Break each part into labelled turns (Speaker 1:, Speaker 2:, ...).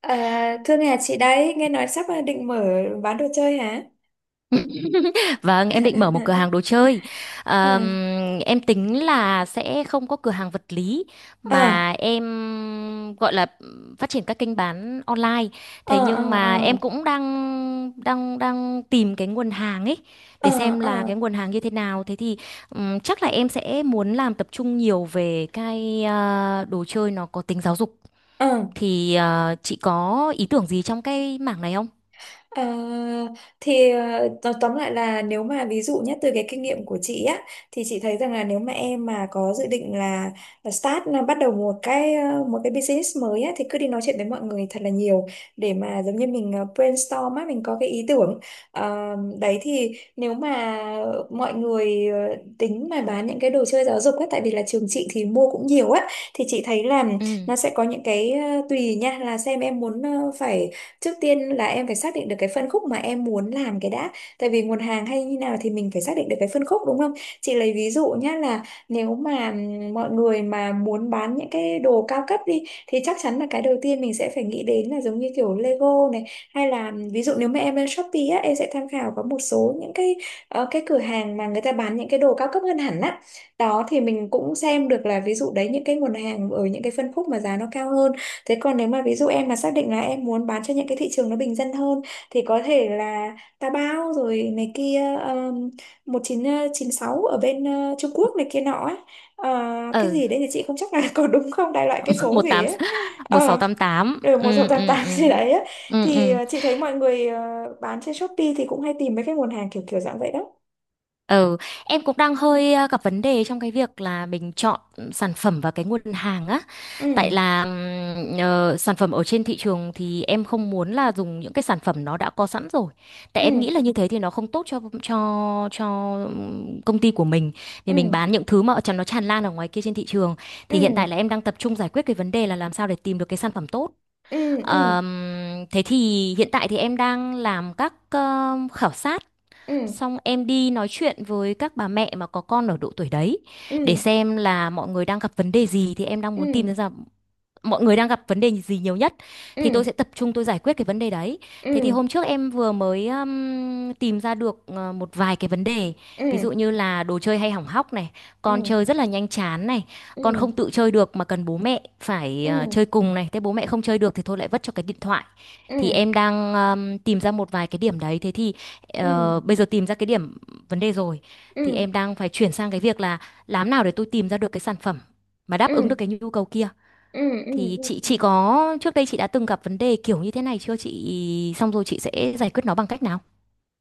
Speaker 1: À, thưa nhà chị đấy, nghe nói sắp à, định mở bán đồ chơi hả?
Speaker 2: Vâng, em định mở một cửa hàng đồ chơi.
Speaker 1: Ờ,
Speaker 2: Ờm, em tính là sẽ không có cửa hàng vật lý
Speaker 1: ờ,
Speaker 2: mà em gọi là phát triển các kênh bán online.
Speaker 1: ờ,
Speaker 2: Thế
Speaker 1: ờ,
Speaker 2: nhưng mà em
Speaker 1: ờ,
Speaker 2: cũng đang đang đang tìm cái nguồn hàng ấy để
Speaker 1: ờ,
Speaker 2: xem
Speaker 1: ờ.
Speaker 2: là cái nguồn hàng như thế nào. Thế thì chắc là em sẽ muốn làm tập trung nhiều về cái đồ chơi nó có tính giáo dục.
Speaker 1: Ờ.
Speaker 2: Thì chị có ý tưởng gì trong cái mảng này không?
Speaker 1: À, thì tóm tóm lại là nếu mà ví dụ nhất từ cái kinh nghiệm của chị á, thì chị thấy rằng là nếu mà em mà có dự định là start, là bắt đầu một cái business mới á, thì cứ đi nói chuyện với mọi người thật là nhiều để mà giống như mình brainstorm á, mình có cái ý tưởng. Ờ, đấy thì nếu mà mọi người tính mà bán những cái đồ chơi giáo dục á, tại vì là trường chị thì mua cũng nhiều á, thì chị thấy là nó sẽ có những cái tùy nha, là xem em muốn ờ, phải Trước tiên là em phải xác định được cái phân khúc mà em muốn làm cái đã. Tại vì nguồn hàng hay như nào thì mình phải xác định được cái phân khúc, đúng không? Chị lấy ví dụ nhá, là nếu mà mọi người mà muốn bán những cái đồ cao cấp đi thì chắc chắn là cái đầu tiên mình sẽ phải nghĩ đến là giống như kiểu Lego này, hay là ví dụ nếu mà em lên Shopee á, em sẽ tham khảo có một số những cái cái cửa hàng mà người ta bán những cái đồ cao cấp hơn hẳn á. Đó thì mình cũng xem được là ví dụ đấy, những cái nguồn hàng ở những cái phân khúc mà giá nó cao hơn. Thế còn nếu mà ví dụ em mà xác định là em muốn bán cho những cái thị trường nó bình dân hơn, thì có thể là Taobao rồi này kia, um, 1996 ở bên Trung Quốc này kia nọ ấy. Ờ, cái
Speaker 2: Ừ.
Speaker 1: gì đấy thì chị không chắc là có đúng không, đại loại cái số
Speaker 2: một
Speaker 1: gì
Speaker 2: tám
Speaker 1: ấy.
Speaker 2: một sáu
Speaker 1: Ờ
Speaker 2: tám tám
Speaker 1: Ở một sáu
Speaker 2: Ừ,
Speaker 1: tám
Speaker 2: ừ,
Speaker 1: tám
Speaker 2: ừ,
Speaker 1: gì đấy ấy.
Speaker 2: ừ,
Speaker 1: Thì
Speaker 2: ừ,
Speaker 1: chị thấy mọi người bán trên Shopee thì cũng hay tìm mấy cái nguồn hàng kiểu kiểu dạng vậy đó.
Speaker 2: ừ. Em cũng đang hơi gặp vấn đề trong cái việc là mình chọn sản phẩm và cái nguồn hàng á, tại
Speaker 1: Ừ,
Speaker 2: là sản phẩm ở trên thị trường thì em không muốn là dùng những cái sản phẩm nó đã có sẵn rồi, tại
Speaker 1: ừ,
Speaker 2: em nghĩ là như thế thì nó không tốt cho công ty của mình, vì mình
Speaker 1: ừ,
Speaker 2: bán những thứ mà ở trong nó tràn lan ở ngoài kia trên thị trường.
Speaker 1: ừ,
Speaker 2: Thì hiện tại là em đang tập trung giải quyết cái vấn đề là làm sao để tìm được cái sản phẩm tốt.
Speaker 1: ừ, ừ,
Speaker 2: Ờm, thế thì hiện tại thì em đang làm các khảo sát,
Speaker 1: ừ,
Speaker 2: xong em đi nói chuyện với các bà mẹ mà có con ở độ tuổi đấy
Speaker 1: ừ,
Speaker 2: để xem là mọi người đang gặp vấn đề gì, thì em đang muốn
Speaker 1: ừ,
Speaker 2: tìm ra mọi người đang gặp vấn đề gì nhiều nhất, thì tôi
Speaker 1: ừ,
Speaker 2: sẽ tập trung tôi giải quyết cái vấn đề đấy.
Speaker 1: ừ,
Speaker 2: Thế
Speaker 1: ừ,
Speaker 2: thì
Speaker 1: ừ.
Speaker 2: hôm trước em vừa mới tìm ra được một vài cái vấn đề,
Speaker 1: Ừ,
Speaker 2: ví
Speaker 1: ừ,
Speaker 2: dụ như là đồ chơi hay hỏng hóc này, con
Speaker 1: ừ.
Speaker 2: chơi rất là nhanh chán này,
Speaker 1: Ừ,
Speaker 2: con không tự chơi được mà cần bố mẹ phải
Speaker 1: ừ,
Speaker 2: chơi cùng này, thế bố mẹ không chơi được thì thôi lại vất cho cái điện thoại.
Speaker 1: ừ,
Speaker 2: Thì em đang tìm ra một vài cái điểm đấy, thế thì
Speaker 1: ừ,
Speaker 2: bây giờ tìm ra cái điểm vấn đề rồi,
Speaker 1: ừ,
Speaker 2: thì
Speaker 1: ừ,
Speaker 2: em đang phải chuyển sang cái việc là làm nào để tôi tìm ra được cái sản phẩm mà đáp ứng được
Speaker 1: ừ,
Speaker 2: cái nhu cầu kia.
Speaker 1: ừ, ừ,
Speaker 2: Thì
Speaker 1: ừ.
Speaker 2: chị
Speaker 1: Ừ.
Speaker 2: chị có, trước đây chị đã từng gặp vấn đề kiểu như thế này chưa chị? Xong rồi chị sẽ giải quyết nó bằng cách nào?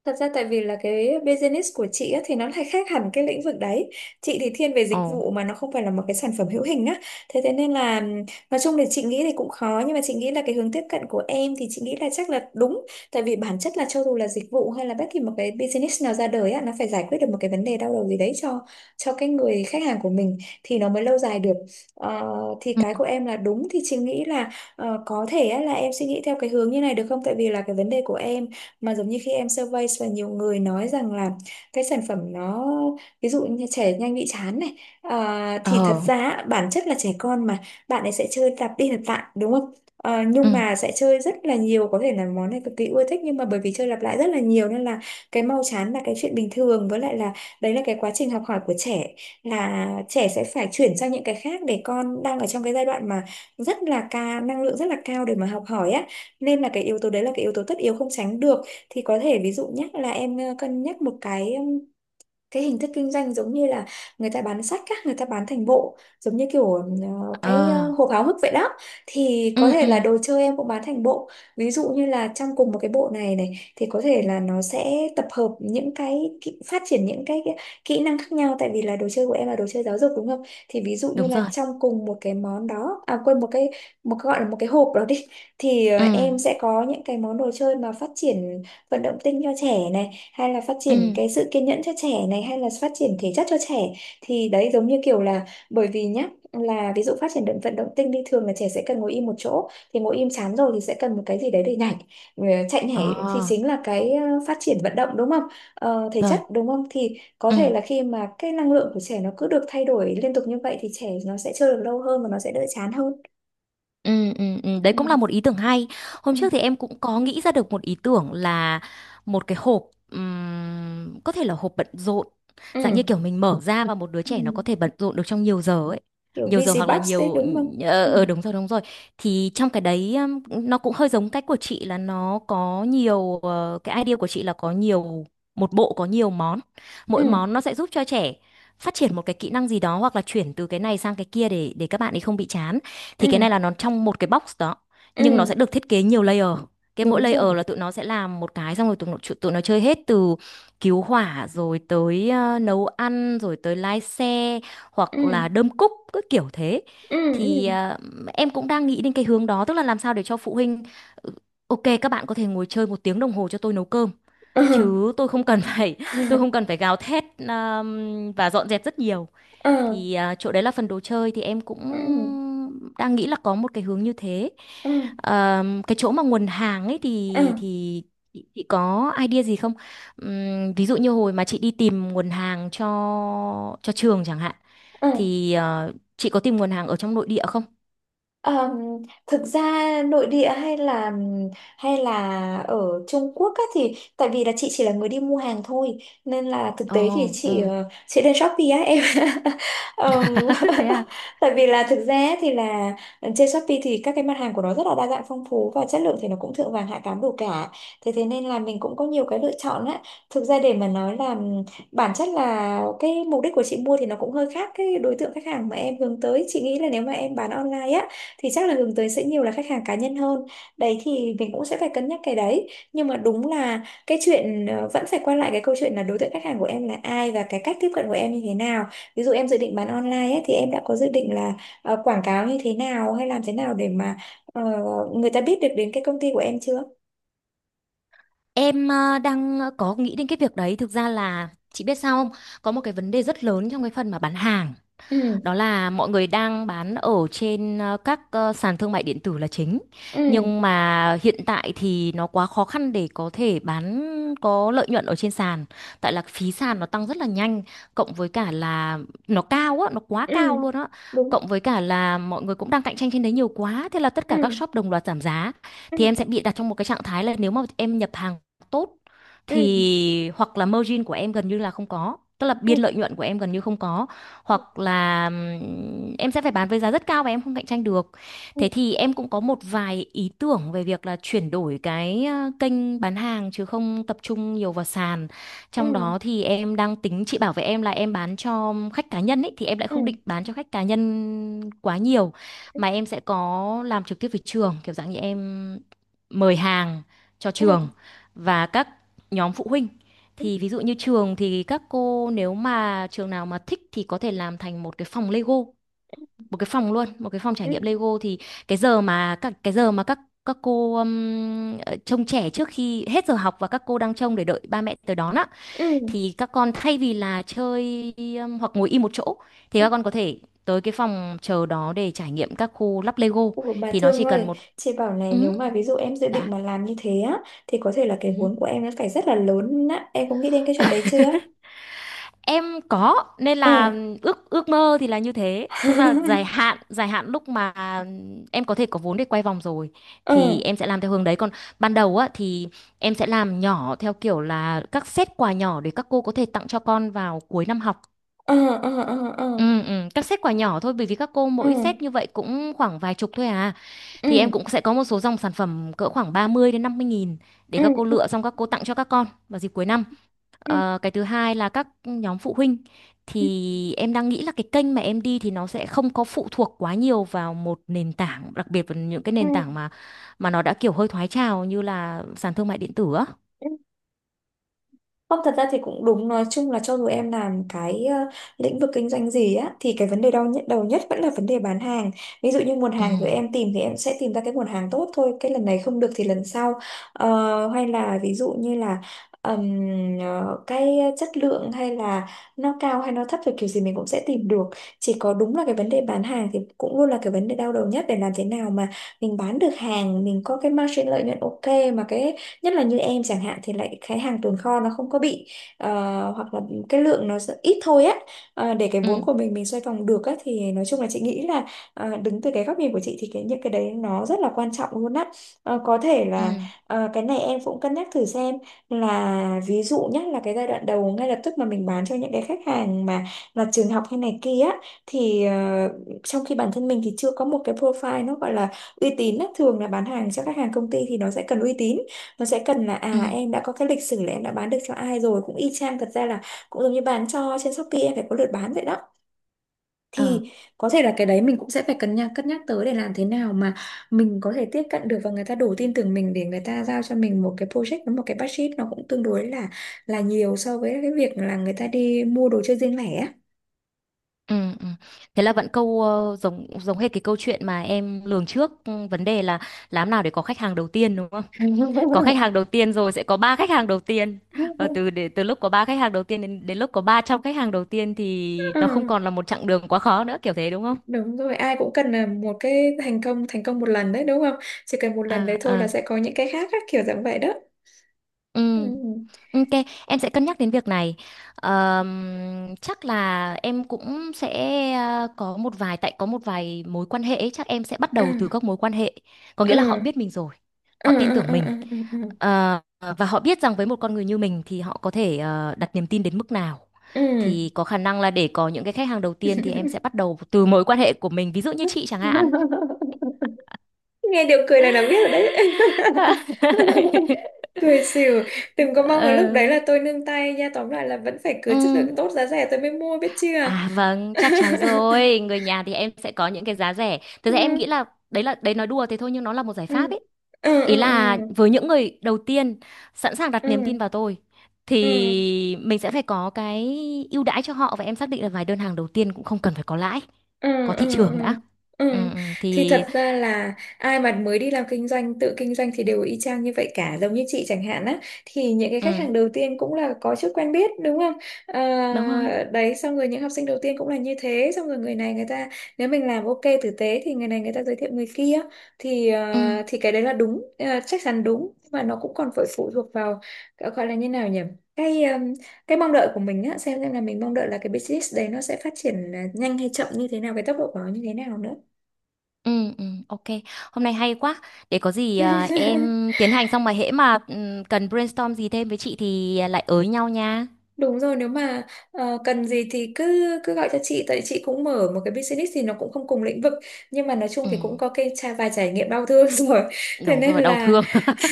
Speaker 1: Thật ra tại vì là cái business của chị á, thì nó lại khác hẳn cái lĩnh vực đấy. Chị thì thiên về
Speaker 2: Ồ.
Speaker 1: dịch vụ mà nó không phải là một cái sản phẩm hữu hình á. Thế thế nên là nói chung thì chị nghĩ thì cũng khó, nhưng mà chị nghĩ là cái hướng tiếp cận của em thì chị nghĩ là chắc là đúng. Tại vì bản chất là cho dù là dịch vụ hay là bất kỳ một cái business nào ra đời á, nó phải giải quyết được một cái vấn đề đau đầu gì đấy cho cái người khách hàng của mình thì nó mới lâu dài được. Ờ, thì cái
Speaker 2: Ừ.
Speaker 1: của em là đúng, thì chị nghĩ là có thể á, là em suy nghĩ theo cái hướng như này được không? Tại vì là cái vấn đề của em mà giống như khi em survey và nhiều người nói rằng là cái sản phẩm nó, ví dụ như trẻ nhanh bị chán này, à, thì thật
Speaker 2: Ờ.
Speaker 1: ra bản chất là trẻ con mà, bạn ấy sẽ chơi lặp đi lặp lại đúng không? Ờ,
Speaker 2: Ừ.
Speaker 1: nhưng mà sẽ chơi rất là nhiều, có thể là món này cực kỳ ưa thích nhưng mà bởi vì chơi lặp lại rất là nhiều nên là cái mau chán là cái chuyện bình thường. Với lại là đấy là cái quá trình học hỏi của trẻ, là trẻ sẽ phải chuyển sang những cái khác, để con đang ở trong cái giai đoạn mà rất là ca, năng lượng rất là cao để mà học hỏi á, nên là cái yếu tố đấy là cái yếu tố tất yếu không tránh được. Thì có thể ví dụ nhé, là em cân nhắc một cái hình thức kinh doanh giống như là người ta bán sách á, người ta bán thành bộ, giống như kiểu cái
Speaker 2: Ờ.
Speaker 1: hộp háo hức vậy đó, thì có
Speaker 2: Ừ,
Speaker 1: thể
Speaker 2: ừ.
Speaker 1: là đồ chơi em cũng bán thành bộ, ví dụ như là trong cùng một cái bộ này này thì có thể là nó sẽ tập hợp những cái kỹ, phát triển những cái kỹ năng khác nhau, tại vì là đồ chơi của em là đồ chơi giáo dục đúng không. Thì ví dụ như
Speaker 2: Đúng
Speaker 1: là
Speaker 2: rồi.
Speaker 1: trong cùng một cái món đó, à quên, một cái gọi là một cái hộp đó đi, thì
Speaker 2: Ừ.
Speaker 1: em sẽ có những cái món đồ chơi mà phát triển vận động tinh cho trẻ này, hay là phát triển
Speaker 2: Ừ.
Speaker 1: cái sự kiên nhẫn cho trẻ này, hay là phát triển thể chất cho trẻ. Thì đấy giống như kiểu là bởi vì nhá, là ví dụ phát triển vận động tinh đi, thường là trẻ sẽ cần ngồi im một chỗ, thì ngồi im chán rồi thì sẽ cần một cái gì đấy để nhảy. Ừ, chạy
Speaker 2: Ờ.
Speaker 1: nhảy thì chính là cái phát triển vận động đúng không. Ờ, thể chất
Speaker 2: Rồi.
Speaker 1: đúng không, thì có
Speaker 2: Ừ.
Speaker 1: thể là khi mà cái năng lượng của trẻ nó cứ được thay đổi liên tục như vậy thì trẻ nó sẽ chơi được lâu hơn và nó sẽ đỡ chán hơn.
Speaker 2: Ừ, ừ, ừ, đấy
Speaker 1: Ừ.
Speaker 2: cũng là một ý tưởng hay. Hôm
Speaker 1: Ừ.
Speaker 2: trước thì em cũng có nghĩ ra được một ý tưởng là một cái hộp, có thể là hộp bận rộn, dạng như
Speaker 1: Ừ.
Speaker 2: kiểu mình mở ra và một đứa
Speaker 1: Ừ.
Speaker 2: trẻ nó có thể bận rộn được trong nhiều giờ ấy.
Speaker 1: Kiểu
Speaker 2: Nhiều giờ
Speaker 1: busy
Speaker 2: hoặc là
Speaker 1: bus đấy
Speaker 2: nhiều
Speaker 1: đúng không? Ừ.
Speaker 2: đúng rồi, đúng rồi. Thì trong cái đấy, nó cũng hơi giống cách của chị, là nó có nhiều cái idea của chị là có nhiều, một bộ có nhiều món. Mỗi
Speaker 1: Ừ.
Speaker 2: món nó sẽ giúp cho trẻ phát triển một cái kỹ năng gì đó, hoặc là chuyển từ cái này sang cái kia để các bạn ấy không bị chán. Thì cái này
Speaker 1: Ừ.
Speaker 2: là nó trong một cái box đó, nhưng nó sẽ
Speaker 1: Ừ,
Speaker 2: được thiết kế nhiều layer, cái mỗi
Speaker 1: đúng rồi.
Speaker 2: layer là tụi nó sẽ làm một cái, xong rồi tụi nó chơi hết, từ cứu hỏa rồi tới nấu ăn rồi tới lái xe,
Speaker 1: Ừ,
Speaker 2: hoặc là đơm cúc, cứ kiểu thế.
Speaker 1: ừ,
Speaker 2: Thì
Speaker 1: ừ,
Speaker 2: em cũng đang nghĩ đến cái hướng đó, tức là làm sao để cho phụ huynh "Ừ, ok các bạn có thể ngồi chơi một tiếng đồng hồ cho tôi nấu cơm,
Speaker 1: ừ.
Speaker 2: chứ tôi không cần phải tôi không cần phải gào thét và dọn dẹp rất nhiều".
Speaker 1: Ừ,
Speaker 2: Thì à, chỗ đấy là phần đồ chơi thì em cũng
Speaker 1: ừ,
Speaker 2: đang nghĩ là có một cái hướng như thế.
Speaker 1: ừ,
Speaker 2: Cái chỗ mà nguồn hàng ấy
Speaker 1: ừ,
Speaker 2: thì chị có idea gì không? Ví dụ như hồi mà chị đi tìm nguồn hàng cho trường chẳng hạn,
Speaker 1: ừ.
Speaker 2: thì chị có tìm nguồn hàng ở trong nội địa không?
Speaker 1: Ờm, Thực ra nội địa hay là ở Trung Quốc á, thì tại vì là chị chỉ là người đi mua hàng thôi, nên là thực tế thì
Speaker 2: Ồ,
Speaker 1: chị
Speaker 2: ừ.
Speaker 1: ờ, chị lên Shopee á em, Ờm,
Speaker 2: Thế à?
Speaker 1: tại vì là thực ra thì là trên Shopee thì các cái mặt hàng của nó rất là đa dạng phong phú, và chất lượng thì nó cũng thượng vàng hạ cám đủ cả, thế thế nên là mình cũng có nhiều cái lựa chọn á. Thực ra để mà nói là bản chất là cái mục đích của chị mua thì nó cũng hơi khác cái đối tượng khách hàng mà em hướng tới. Chị nghĩ là nếu mà em bán online á thì chắc là hướng tới sẽ nhiều là khách hàng cá nhân hơn, đấy thì mình cũng sẽ phải cân nhắc cái đấy. Nhưng mà đúng là cái chuyện vẫn phải quay lại cái câu chuyện là đối tượng khách hàng của em là ai và cái cách tiếp cận của em như thế nào. Ví dụ em dự định bán online ấy, thì em đã có dự định là quảng cáo như thế nào, hay làm thế nào để mà ờ, người ta biết được đến cái công ty của em chưa?
Speaker 2: Em đang có nghĩ đến cái việc đấy. Thực ra là chị biết sao không? Có một cái vấn đề rất lớn trong cái phần mà bán hàng. Đó
Speaker 1: Ừ,
Speaker 2: là mọi người đang bán ở trên các sàn thương mại điện tử là chính,
Speaker 1: ừ,
Speaker 2: nhưng mà hiện tại thì nó quá khó khăn để có thể bán có lợi nhuận ở trên sàn, tại là phí sàn nó tăng rất là nhanh, cộng với cả là nó cao á, nó quá
Speaker 1: ừ,
Speaker 2: cao luôn á,
Speaker 1: đúng.
Speaker 2: cộng với cả là mọi người cũng đang cạnh tranh trên đấy nhiều quá, thế là tất cả các
Speaker 1: Ừ,
Speaker 2: shop đồng loạt giảm giá. Thì em sẽ
Speaker 1: ừ,
Speaker 2: bị đặt trong một cái trạng thái là nếu mà em nhập hàng tốt
Speaker 1: ừ,
Speaker 2: thì hoặc là margin của em gần như là không có, tức là biên
Speaker 1: ừ,
Speaker 2: lợi nhuận của em gần như không có, hoặc là em sẽ phải bán với giá rất cao và em không cạnh tranh được.
Speaker 1: ừ,
Speaker 2: Thế thì em cũng có một vài ý tưởng về việc là chuyển đổi cái kênh bán hàng chứ không tập trung nhiều vào sàn.
Speaker 1: ừ,
Speaker 2: Trong đó thì em đang tính, chị bảo với em là em bán cho khách cá nhân ấy, thì em lại không định
Speaker 1: ừ,
Speaker 2: bán cho khách cá nhân quá nhiều, mà em sẽ có làm trực tiếp với trường, kiểu dạng như em mời hàng cho
Speaker 1: ừ,
Speaker 2: trường và các nhóm phụ huynh. Thì ví dụ như trường, thì các cô nếu mà trường nào mà thích thì có thể làm thành một cái phòng Lego, một cái phòng luôn, một cái phòng
Speaker 1: ừ,
Speaker 2: trải nghiệm Lego. Thì cái giờ mà các cô trông trẻ trước khi hết giờ học, và các cô đang trông để đợi ba mẹ tới đón á,
Speaker 1: ừ,
Speaker 2: thì các con thay vì là chơi hoặc ngồi im một chỗ, thì
Speaker 1: ừ.
Speaker 2: các con có thể tới cái phòng chờ đó để trải nghiệm các khu lắp Lego,
Speaker 1: Ủa, bà
Speaker 2: thì nó chỉ
Speaker 1: Thương
Speaker 2: cần
Speaker 1: ơi,
Speaker 2: một.
Speaker 1: chị bảo này, nếu
Speaker 2: Ừ.
Speaker 1: mà ví dụ em dự định
Speaker 2: Dạ.
Speaker 1: mà làm như thế á thì có thể là cái vốn của
Speaker 2: Ừ.
Speaker 1: em nó phải rất là lớn á, em có nghĩ đến cái chuyện đấy chưa?
Speaker 2: Em có nên
Speaker 1: Ừ.
Speaker 2: là ước ước mơ thì là như thế, tức là dài hạn lúc mà em có thể có vốn để quay vòng rồi
Speaker 1: Ừ,
Speaker 2: thì em sẽ làm theo hướng đấy, còn ban đầu á thì em sẽ làm nhỏ theo kiểu là các set quà nhỏ, để các cô có thể tặng cho con vào cuối năm học.
Speaker 1: ừ, ừ, ừ, ừ,
Speaker 2: Ừ, ừ, các set quà nhỏ thôi, bởi vì các cô mỗi set
Speaker 1: ừ,
Speaker 2: như vậy cũng khoảng vài chục thôi à,
Speaker 1: ừ,
Speaker 2: thì em cũng sẽ có một số dòng sản phẩm cỡ khoảng 30 đến 50.000 để
Speaker 1: ừ,
Speaker 2: các cô lựa, xong các cô tặng cho các con vào dịp cuối năm.
Speaker 1: ừ, ừ,
Speaker 2: Ờ, cái thứ hai là các nhóm phụ huynh, thì em đang nghĩ là cái kênh mà em đi thì nó sẽ không có phụ thuộc quá nhiều vào một nền tảng, đặc biệt là những cái
Speaker 1: ừ,
Speaker 2: nền tảng mà nó đã kiểu hơi thoái trào, như là sàn thương mại điện tử á.
Speaker 1: ừ. Không, thật ra thì cũng đúng, nói chung là cho dù em làm cái lĩnh vực kinh doanh gì á thì cái vấn đề đau nhất, đầu nhất, vẫn là vấn đề bán hàng. Ví dụ như nguồn
Speaker 2: Ừ,
Speaker 1: hàng rồi em tìm thì em sẽ tìm ra cái nguồn hàng tốt thôi, cái lần này không được thì lần sau. Ờ, hay là ví dụ như là ừm, cái chất lượng hay là nó cao hay nó thấp thì kiểu gì mình cũng sẽ tìm được. Chỉ có đúng là cái vấn đề bán hàng thì cũng luôn là cái vấn đề đau đầu nhất, để làm thế nào mà mình bán được hàng, mình có cái margin lợi nhuận ok, mà cái nhất là như em chẳng hạn thì lại cái hàng tồn kho nó không có bị ờ, hoặc là cái lượng nó sẽ ít thôi á. Ờ, để cái
Speaker 2: ừ,
Speaker 1: vốn của mình xoay vòng được á, thì nói chung là chị nghĩ là đứng từ cái góc nhìn của chị thì cái những cái đấy nó rất là quan trọng luôn á. Ờ, có thể là
Speaker 2: ừ,
Speaker 1: cái này em cũng cân nhắc thử xem, là ví dụ nhất là cái giai đoạn đầu ngay lập tức mà mình bán cho những cái khách hàng mà là trường học hay này kia á, thì trong khi bản thân mình thì chưa có một cái profile nó gọi là uy tín á. Thường là bán hàng cho khách hàng công ty thì nó sẽ cần uy tín, nó sẽ cần là
Speaker 2: ừ,
Speaker 1: à, em đã có cái lịch sử là em đã bán được cho ai rồi, cũng y chang, thật ra là cũng giống như bán cho trên Shopee em phải có lượt bán vậy đó.
Speaker 2: ờ,
Speaker 1: Thì có thể là cái đấy mình cũng sẽ phải cân nhắc tới, để làm thế nào mà mình có thể tiếp cận được và người ta đủ tin tưởng mình để người ta giao cho mình một cái project với một cái budget nó cũng tương đối là nhiều so với cái việc là người ta đi mua đồ chơi riêng lẻ á.
Speaker 2: ừ, ừ. Thế là vẫn câu, giống giống hết cái câu chuyện mà em lường trước, vấn đề là làm nào để có khách hàng đầu tiên, đúng không? Có khách hàng đầu tiên rồi sẽ có ba khách hàng đầu tiên, và từ lúc có ba khách hàng đầu tiên đến đến lúc có 300 khách hàng đầu tiên thì nó không
Speaker 1: Ừ,
Speaker 2: còn là một chặng đường quá khó nữa, kiểu thế, đúng không?
Speaker 1: đúng rồi, ai cũng cần là một cái thành công một lần đấy đúng không, chỉ cần một lần đấy
Speaker 2: À
Speaker 1: thôi là
Speaker 2: à,
Speaker 1: sẽ có những cái khác á, kiểu dạng vậy đó.
Speaker 2: ừ.
Speaker 1: Ừ,
Speaker 2: Ok, em sẽ cân nhắc đến việc này. Chắc là em cũng sẽ có một vài, tại có một vài mối quan hệ ấy, chắc em sẽ bắt
Speaker 1: ừ,
Speaker 2: đầu từ các mối quan hệ. Có nghĩa là họ
Speaker 1: ừ,
Speaker 2: biết mình rồi, họ
Speaker 1: ừ,
Speaker 2: tin
Speaker 1: ừ,
Speaker 2: tưởng
Speaker 1: ừ,
Speaker 2: mình.
Speaker 1: ừ, ừ,
Speaker 2: Ờ, và họ biết rằng với một con người như mình thì họ có thể đặt niềm tin đến mức nào,
Speaker 1: ừ.
Speaker 2: thì có khả năng là để có những cái khách hàng đầu tiên thì em sẽ bắt đầu từ mối quan hệ của mình, ví dụ như chị chẳng hạn.
Speaker 1: Nghe điều cười này là biết rồi đấy. Cười xỉu, đừng có mong là lúc
Speaker 2: Ờ,
Speaker 1: đấy là tôi nương tay nha, tóm lại là vẫn phải cứ chất lượng
Speaker 2: ừm,
Speaker 1: tốt giá rẻ tôi mới mua biết chưa.
Speaker 2: À vâng, chắc chắn rồi. Người nhà thì em sẽ có những cái giá rẻ. Thực ra em
Speaker 1: Ừ,
Speaker 2: nghĩ là đấy, là đấy nói đùa thế thôi nhưng nó là một giải
Speaker 1: ừ,
Speaker 2: pháp ấy.
Speaker 1: ừ,
Speaker 2: Ý
Speaker 1: ừ, ừ,
Speaker 2: là với những người đầu tiên sẵn sàng đặt niềm tin
Speaker 1: ừ,
Speaker 2: vào tôi
Speaker 1: ừ,
Speaker 2: thì mình sẽ phải có cái ưu đãi cho họ, và em xác định là vài đơn hàng đầu tiên cũng không cần phải có lãi,
Speaker 1: ừ,
Speaker 2: có
Speaker 1: ừ,
Speaker 2: thị trường
Speaker 1: ừ,
Speaker 2: đã.
Speaker 1: ừ.
Speaker 2: Ừ, ừ,
Speaker 1: Thì
Speaker 2: thì
Speaker 1: thật ra là ai mà mới đi làm kinh doanh, tự kinh doanh, thì đều y chang như vậy cả, giống như chị chẳng hạn á, thì những cái khách
Speaker 2: ừ,
Speaker 1: hàng đầu tiên cũng là có chút quen biết đúng không. Ờ,
Speaker 2: đúng rồi.
Speaker 1: đấy, xong rồi những học sinh đầu tiên cũng là như thế, xong rồi người ta, nếu mình làm ok tử tế thì người này người ta giới thiệu người kia. Thì
Speaker 2: Ừ,
Speaker 1: thì cái đấy là đúng, chắc chắn đúng, nhưng mà nó cũng còn phải phụ thuộc vào, gọi là như nào nhỉ, cái mong đợi của mình á, xem là mình mong đợi là cái business đấy nó sẽ phát triển, à, nhanh hay chậm như thế nào, cái tốc độ của nó như thế nào nữa.
Speaker 2: ừ, ừ, ok. Hôm nay hay quá. Để có gì à, em tiến hành xong mà hễ mà cần brainstorm gì thêm với chị thì lại ới nhau nha.
Speaker 1: Đúng rồi, nếu mà cần gì thì cứ cứ gọi cho chị, tại chị cũng mở một cái business thì nó cũng không cùng lĩnh vực, nhưng mà nói chung
Speaker 2: Ừ,
Speaker 1: thì cũng có cái trải vài trải nghiệm đau thương rồi, thế
Speaker 2: đúng
Speaker 1: nên
Speaker 2: rồi, đau
Speaker 1: là
Speaker 2: thương.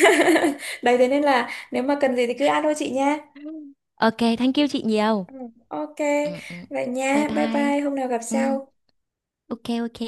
Speaker 1: đấy, thế nên là nếu mà cần gì thì cứ alo chị nha.
Speaker 2: Ok, thank you chị nhiều.
Speaker 1: Ừ, ok,
Speaker 2: Ừ, ừ.
Speaker 1: vậy
Speaker 2: Bye
Speaker 1: nha, bye
Speaker 2: bye.
Speaker 1: bye, hôm nào gặp
Speaker 2: Ừ.
Speaker 1: sau.
Speaker 2: Ok, ok.